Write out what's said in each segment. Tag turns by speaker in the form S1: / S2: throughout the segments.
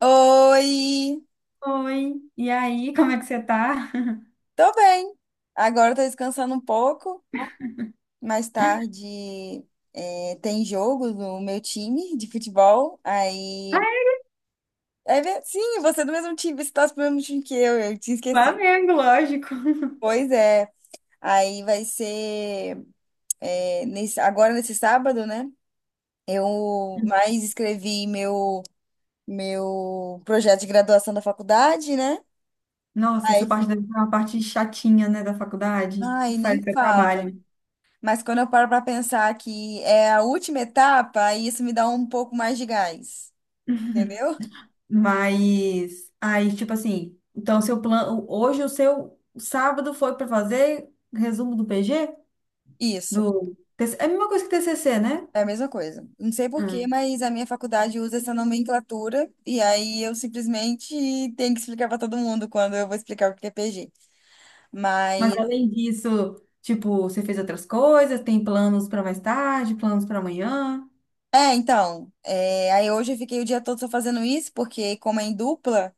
S1: Oi,
S2: Oi, e aí, como é que você tá?
S1: tô bem. Agora tô descansando um pouco. Mais tarde tem jogo no meu time de futebol. Aí, sim, você é do mesmo time, você torce pro mesmo time que eu tinha esquecido.
S2: Flamengo, lógico.
S1: Pois é, aí vai ser agora nesse sábado, né? Eu mais escrevi meu projeto de graduação da faculdade, né?
S2: Nossa,
S1: Aí,
S2: essa parte
S1: fi-
S2: deve ser uma parte chatinha, né, da faculdade,
S1: Ai,
S2: sai
S1: nem
S2: do seu
S1: fala.
S2: trabalho.
S1: Mas quando eu paro para pensar que é a última etapa, aí isso me dá um pouco mais de gás, entendeu?
S2: Mas, aí, tipo assim, então seu plano, hoje o seu sábado foi para fazer resumo do PG?
S1: Isso,
S2: Do, TC é a mesma coisa que TCC, né?
S1: é a mesma coisa. Não sei por
S2: Ah,
S1: quê, mas a minha faculdade usa essa nomenclatura e aí eu simplesmente tenho que explicar para todo mundo quando eu vou explicar o que é PG.
S2: mas
S1: Mas
S2: além disso, tipo, você fez outras coisas, tem planos para mais tarde, planos para amanhã?
S1: então, aí hoje eu fiquei o dia todo só fazendo isso, porque como é em dupla.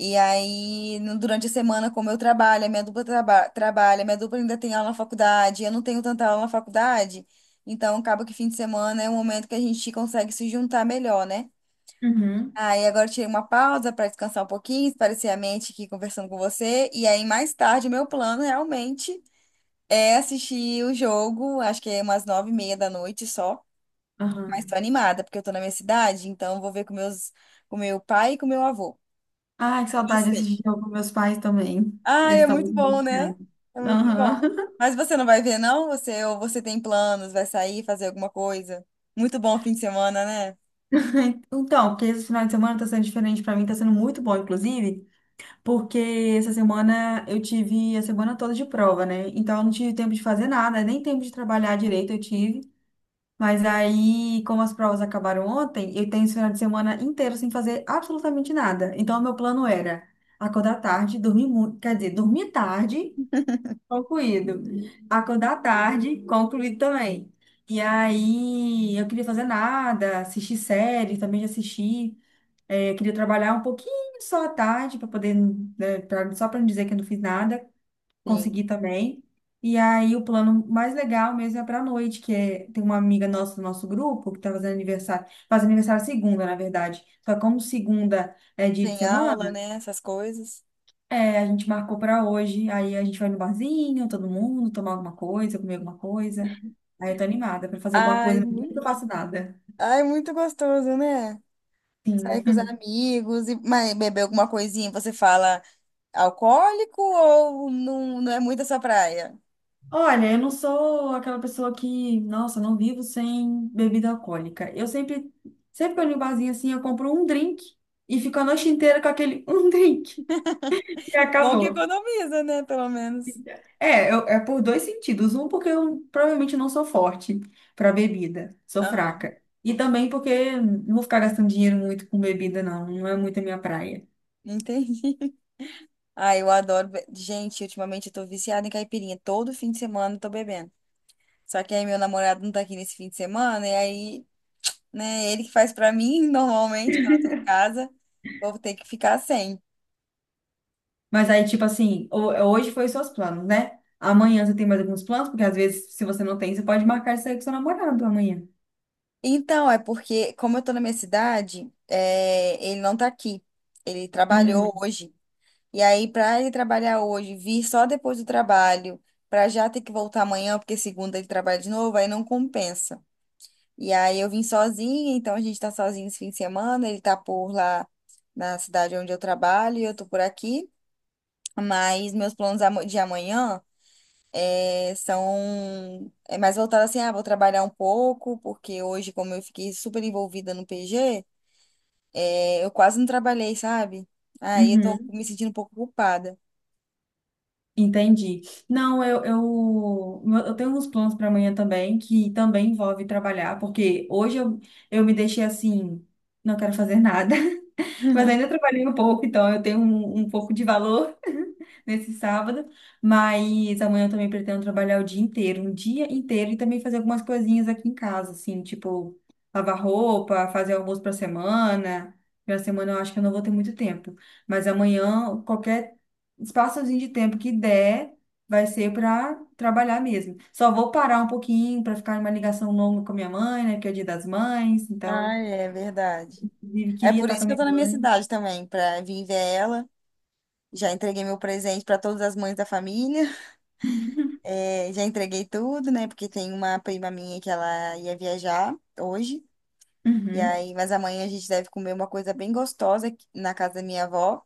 S1: E aí, durante a semana, como eu trabalho, a minha dupla trabalha, a minha dupla ainda tem aula na faculdade, eu não tenho tanta aula na faculdade, então acaba que fim de semana é um momento que a gente consegue se juntar melhor, né?
S2: Uhum.
S1: Aí agora eu tirei uma pausa para descansar um pouquinho, esparecer a mente aqui conversando com você. E aí, mais tarde, meu plano realmente é assistir o jogo, acho que é umas nove e meia da noite só. Mas tô
S2: Aham.
S1: animada, porque eu tô na minha cidade, então eu vou ver com com meu pai e com meu avô.
S2: Ai, que saudade de
S1: Você?
S2: assistir jogo com meus pais também.
S1: Ah,
S2: Eles
S1: é
S2: estão
S1: muito
S2: muito
S1: bom, né?
S2: angustiados.
S1: É muito
S2: Aham.
S1: bom. Mas você não vai ver, não? Você tem planos, vai sair, fazer alguma coisa? Muito bom fim de semana, né?
S2: Então, porque esse final de semana tá sendo diferente pra mim, tá sendo muito bom, inclusive, porque essa semana eu tive a semana toda de prova, né? Então eu não tive tempo de fazer nada, nem tempo de trabalhar direito eu tive. Mas aí, como as provas acabaram ontem, eu tenho esse final de semana inteiro sem fazer absolutamente nada. Então, o meu plano era acordar tarde, dormir muito, quer dizer, dormir tarde. Concluído. Acordar tarde, concluído também. E aí, eu queria fazer nada, assistir série, também já assisti. É, eu queria trabalhar um pouquinho só à tarde, para poder, né, só para não dizer que eu não fiz nada,
S1: Sim.
S2: consegui também. E aí, o plano mais legal mesmo é para noite, que é, tem uma amiga nossa do nosso grupo que está fazendo aniversário, faz aniversário segunda, na verdade. Só que como segunda é dia de
S1: Tem
S2: semana,
S1: aula, né? Essas coisas.
S2: é, a gente marcou pra hoje. Aí a gente vai no barzinho, todo mundo, tomar alguma coisa, comer alguma coisa. Aí eu tô animada pra fazer alguma
S1: Ai,
S2: coisa, mas eu
S1: mu-
S2: não faço nada.
S1: Ai, muito gostoso, né? Sair
S2: Sim.
S1: com os amigos e mas beber alguma coisinha, você fala alcoólico ou não, não é muito a sua praia?
S2: Olha, eu não sou aquela pessoa que, nossa, não vivo sem bebida alcoólica. Eu sempre, sempre que eu vou no barzinho assim, eu compro um drink e fico a noite inteira com aquele um drink. E
S1: Bom que
S2: acabou.
S1: economiza, né? Pelo menos.
S2: É, é por dois sentidos. Um, porque eu provavelmente não sou forte para bebida, sou
S1: Aham,
S2: fraca. E também porque não vou ficar gastando dinheiro muito com bebida, não. Não é muito a minha praia.
S1: entendi. Ai, eu adoro. Be- Gente, ultimamente eu tô viciada em caipirinha. Todo fim de semana eu tô bebendo. Só que aí meu namorado não tá aqui nesse fim de semana, e aí, né, ele que faz pra mim normalmente quando eu tô em casa, vou ter que ficar sem.
S2: Mas aí, tipo assim, hoje foi os seus planos, né? Amanhã você tem mais alguns planos, porque às vezes, se você não tem, você pode marcar isso aí com seu namorado amanhã.
S1: Então, é porque, como eu tô na minha cidade, é, ele não tá aqui. Ele trabalhou
S2: Hum,
S1: hoje. E aí, pra ele trabalhar hoje, vir só depois do trabalho, pra já ter que voltar amanhã, porque segunda ele trabalha de novo, aí não compensa. E aí eu vim sozinha, então a gente tá sozinho esse fim de semana, ele tá por lá na cidade onde eu trabalho e eu tô por aqui. Mas meus de amanhã são mais voltado assim, ah, vou trabalhar um pouco, porque hoje, como eu fiquei super envolvida no PG, eu quase não trabalhei, sabe? Aí eu tô
S2: uhum,
S1: me sentindo um pouco culpada.
S2: entendi. Não, eu tenho uns planos para amanhã também, que também envolve trabalhar, porque hoje eu me deixei assim, não quero fazer nada. Mas ainda trabalhei um pouco, então eu tenho um pouco de valor nesse sábado. Mas amanhã eu também pretendo trabalhar o dia inteiro, um dia inteiro, e também fazer algumas coisinhas aqui em casa, assim, tipo lavar roupa, fazer almoço para semana. Para semana eu acho que eu não vou ter muito tempo. Mas amanhã, qualquer espaçozinho de tempo que der, vai ser para trabalhar mesmo. Só vou parar um pouquinho para ficar em uma ligação longa com a minha mãe, né? Porque é o dia das mães,
S1: Ah,
S2: então,
S1: é verdade.
S2: inclusive,
S1: É
S2: queria
S1: por
S2: estar com
S1: isso
S2: a
S1: que eu
S2: minha
S1: tô na minha
S2: mãe.
S1: cidade também, pra vir ver ela. Já entreguei meu presente pra todas as mães da família. Já entreguei tudo, né? Porque tem uma prima minha que ela ia viajar hoje. E
S2: Uhum.
S1: aí, mas amanhã a gente deve comer uma coisa bem gostosa na casa da minha avó.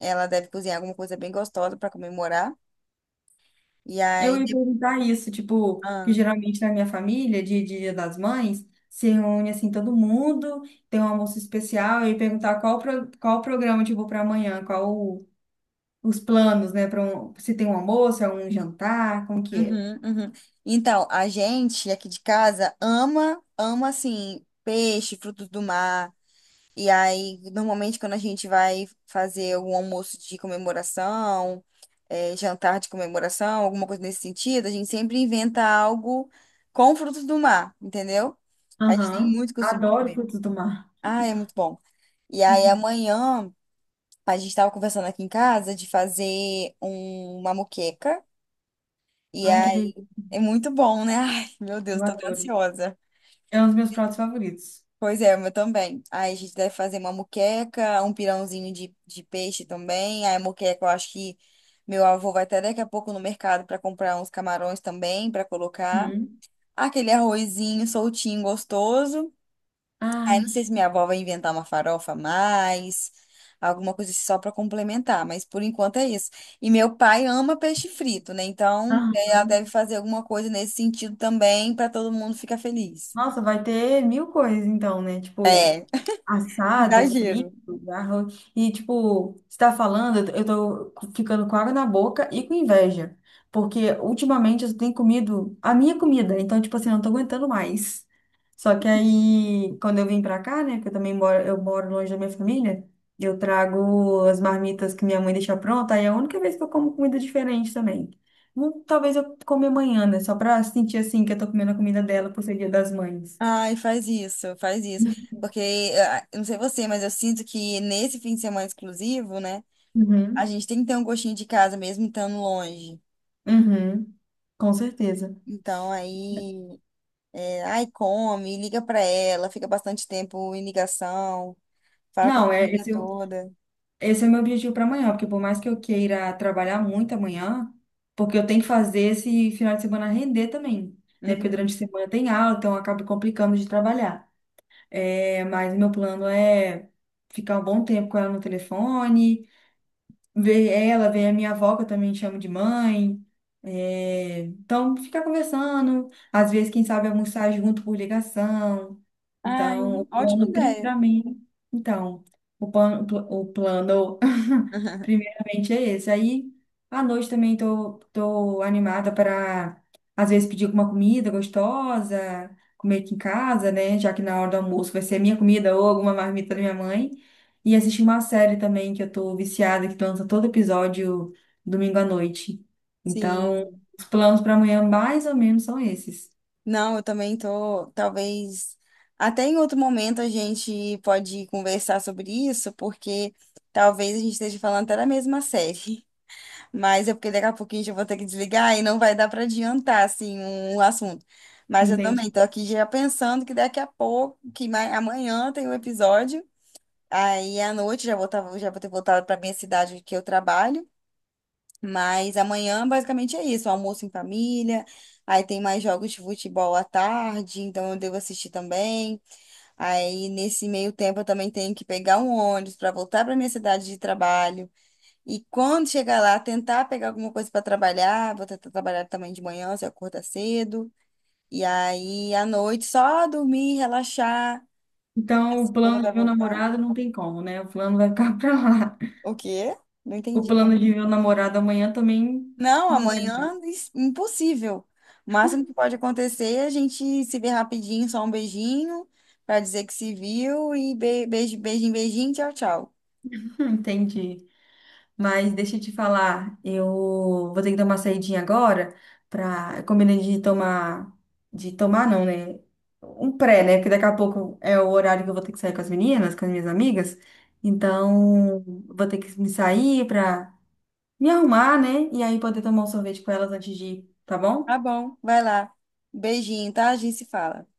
S1: Ela deve cozinhar alguma coisa bem gostosa para comemorar. E
S2: Eu
S1: aí,
S2: ia
S1: de-
S2: perguntar isso, tipo, que
S1: ah,
S2: geralmente na minha família, dia de Dia das Mães, se reúne assim todo mundo, tem um almoço especial, eu ia perguntar qual, pro, qual o programa, tipo, para amanhã, os planos, né, para um, se tem um almoço, é um jantar, como que é?
S1: uhum, uhum. Então, a gente aqui de casa ama, ama assim, peixe, frutos do mar. E aí, normalmente, quando a gente vai fazer um almoço de comemoração, jantar de comemoração, alguma coisa nesse sentido, a gente sempre inventa algo com frutos do mar, entendeu? A gente tem
S2: Aham.
S1: muito costume de
S2: Adoro
S1: comer.
S2: frutos do mar.
S1: Ah, é muito bom. E aí
S2: Uhum.
S1: amanhã a gente tava conversando aqui em casa de fazer uma moqueca. E
S2: Ai, que
S1: aí
S2: delícia,
S1: é muito bom, né? Ai, meu Deus,
S2: eu
S1: tô até
S2: adoro.
S1: ansiosa.
S2: É um dos meus pratos favoritos.
S1: Pois é, o meu também. Aí a gente deve fazer uma moqueca, um pirãozinho de peixe também. Aí a moqueca, eu acho que meu avô vai até daqui a pouco no mercado para comprar uns camarões também, para colocar.
S2: Uhum.
S1: Aquele arrozinho soltinho, gostoso. Aí
S2: Ai.
S1: não sei se minha avó vai inventar uma farofa a mais, alguma coisa assim, só para complementar, mas por enquanto é isso. E meu pai ama peixe frito, né? Então é, ela
S2: Aham.
S1: deve fazer alguma coisa nesse sentido também para todo mundo ficar feliz.
S2: Nossa, vai ter mil coisas então, né? Tipo,
S1: É,
S2: assado,
S1: exagero.
S2: frito, arroz. E, tipo, você tá falando, eu tô ficando com água na boca e com inveja. Porque ultimamente eu tenho comido a minha comida. Então, tipo assim, eu não tô aguentando mais. Só que aí, quando eu vim pra cá, né? Que eu também moro, eu moro longe da minha família. Eu trago as marmitas que minha mãe deixa pronta. Aí é a única vez que eu como comida diferente também. Talvez eu come amanhã, né? Só pra sentir, assim, que eu tô comendo a comida dela por ser dia das mães.
S1: Ai, faz isso, faz isso. Porque, ah, eu não sei você, mas eu sinto que nesse fim de semana exclusivo, né? A
S2: Uhum.
S1: gente tem que ter um gostinho de casa mesmo estando longe.
S2: Uhum. Com certeza.
S1: Então aí. É, aí come, liga pra ela, fica bastante tempo em ligação, fala com a
S2: Não, é,
S1: família
S2: é
S1: toda.
S2: esse é o meu objetivo para amanhã, porque por mais que eu queira trabalhar muito amanhã, porque eu tenho que fazer esse final de semana render também, né? Porque
S1: Uhum.
S2: durante a semana tem aula, então acaba complicando de trabalhar. É, mas o meu plano é ficar um bom tempo com ela no telefone, ver ela, ver a minha avó, que eu também chamo de mãe. É, então, ficar conversando, às vezes, quem sabe, almoçar junto por ligação. Então,
S1: Ai,
S2: o
S1: ótima
S2: plano,
S1: ideia.
S2: primeiramente. Então, o plano, primeiramente, é esse. Aí, à noite também tô, tô animada para, às vezes, pedir alguma comida gostosa, comer aqui em casa, né? Já que na hora do almoço vai ser minha comida ou alguma marmita da minha mãe. E assisti uma série também que eu tô viciada, que lança todo episódio domingo à noite. Então,
S1: Sim.
S2: os planos para amanhã mais ou menos são esses,
S1: Não, eu também tô, talvez até em outro momento a gente pode conversar sobre isso, porque talvez a gente esteja falando até da mesma série. Mas é porque daqui a pouquinho eu vou ter que desligar e não vai dar para adiantar assim um assunto. Mas eu
S2: entende?
S1: também tô aqui já pensando que daqui a pouco, amanhã tem um episódio. Aí à noite já vou ter voltado para minha cidade que eu trabalho. Mas amanhã basicamente é isso, almoço em família. Aí tem mais jogos de futebol à tarde, então eu devo assistir também. Aí nesse meio tempo eu também tenho que pegar um ônibus para voltar para minha cidade de trabalho. E quando chegar lá, tentar pegar alguma coisa para trabalhar. Vou tentar trabalhar também de manhã, se eu acordar cedo. E aí à noite só dormir, relaxar. A
S2: Então, o
S1: segunda
S2: plano
S1: vai
S2: de ver o
S1: voltar.
S2: namorado não tem como, né? O plano vai ficar para lá.
S1: O quê? Não
S2: O
S1: entendi.
S2: plano de ver o namorado amanhã também
S1: Não,
S2: não vai dar.
S1: amanhã é impossível. O máximo que pode acontecer é a gente se ver rapidinho, só um beijinho, pra dizer que se viu e beijo, beijinho, beijinho, tchau, tchau.
S2: Entendi. Mas deixa eu te falar, eu vou ter que dar uma saidinha agora para combinei de tomar não, né? Um pré, né? Porque daqui a pouco é o horário que eu vou ter que sair com as meninas, com as minhas amigas. Então, vou ter que me sair para me arrumar, né? E aí poder tomar um sorvete com elas antes de ir, tá
S1: Tá
S2: bom?
S1: bom, vai lá. Beijinho, tá? A gente se fala.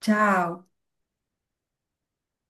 S2: Tchau.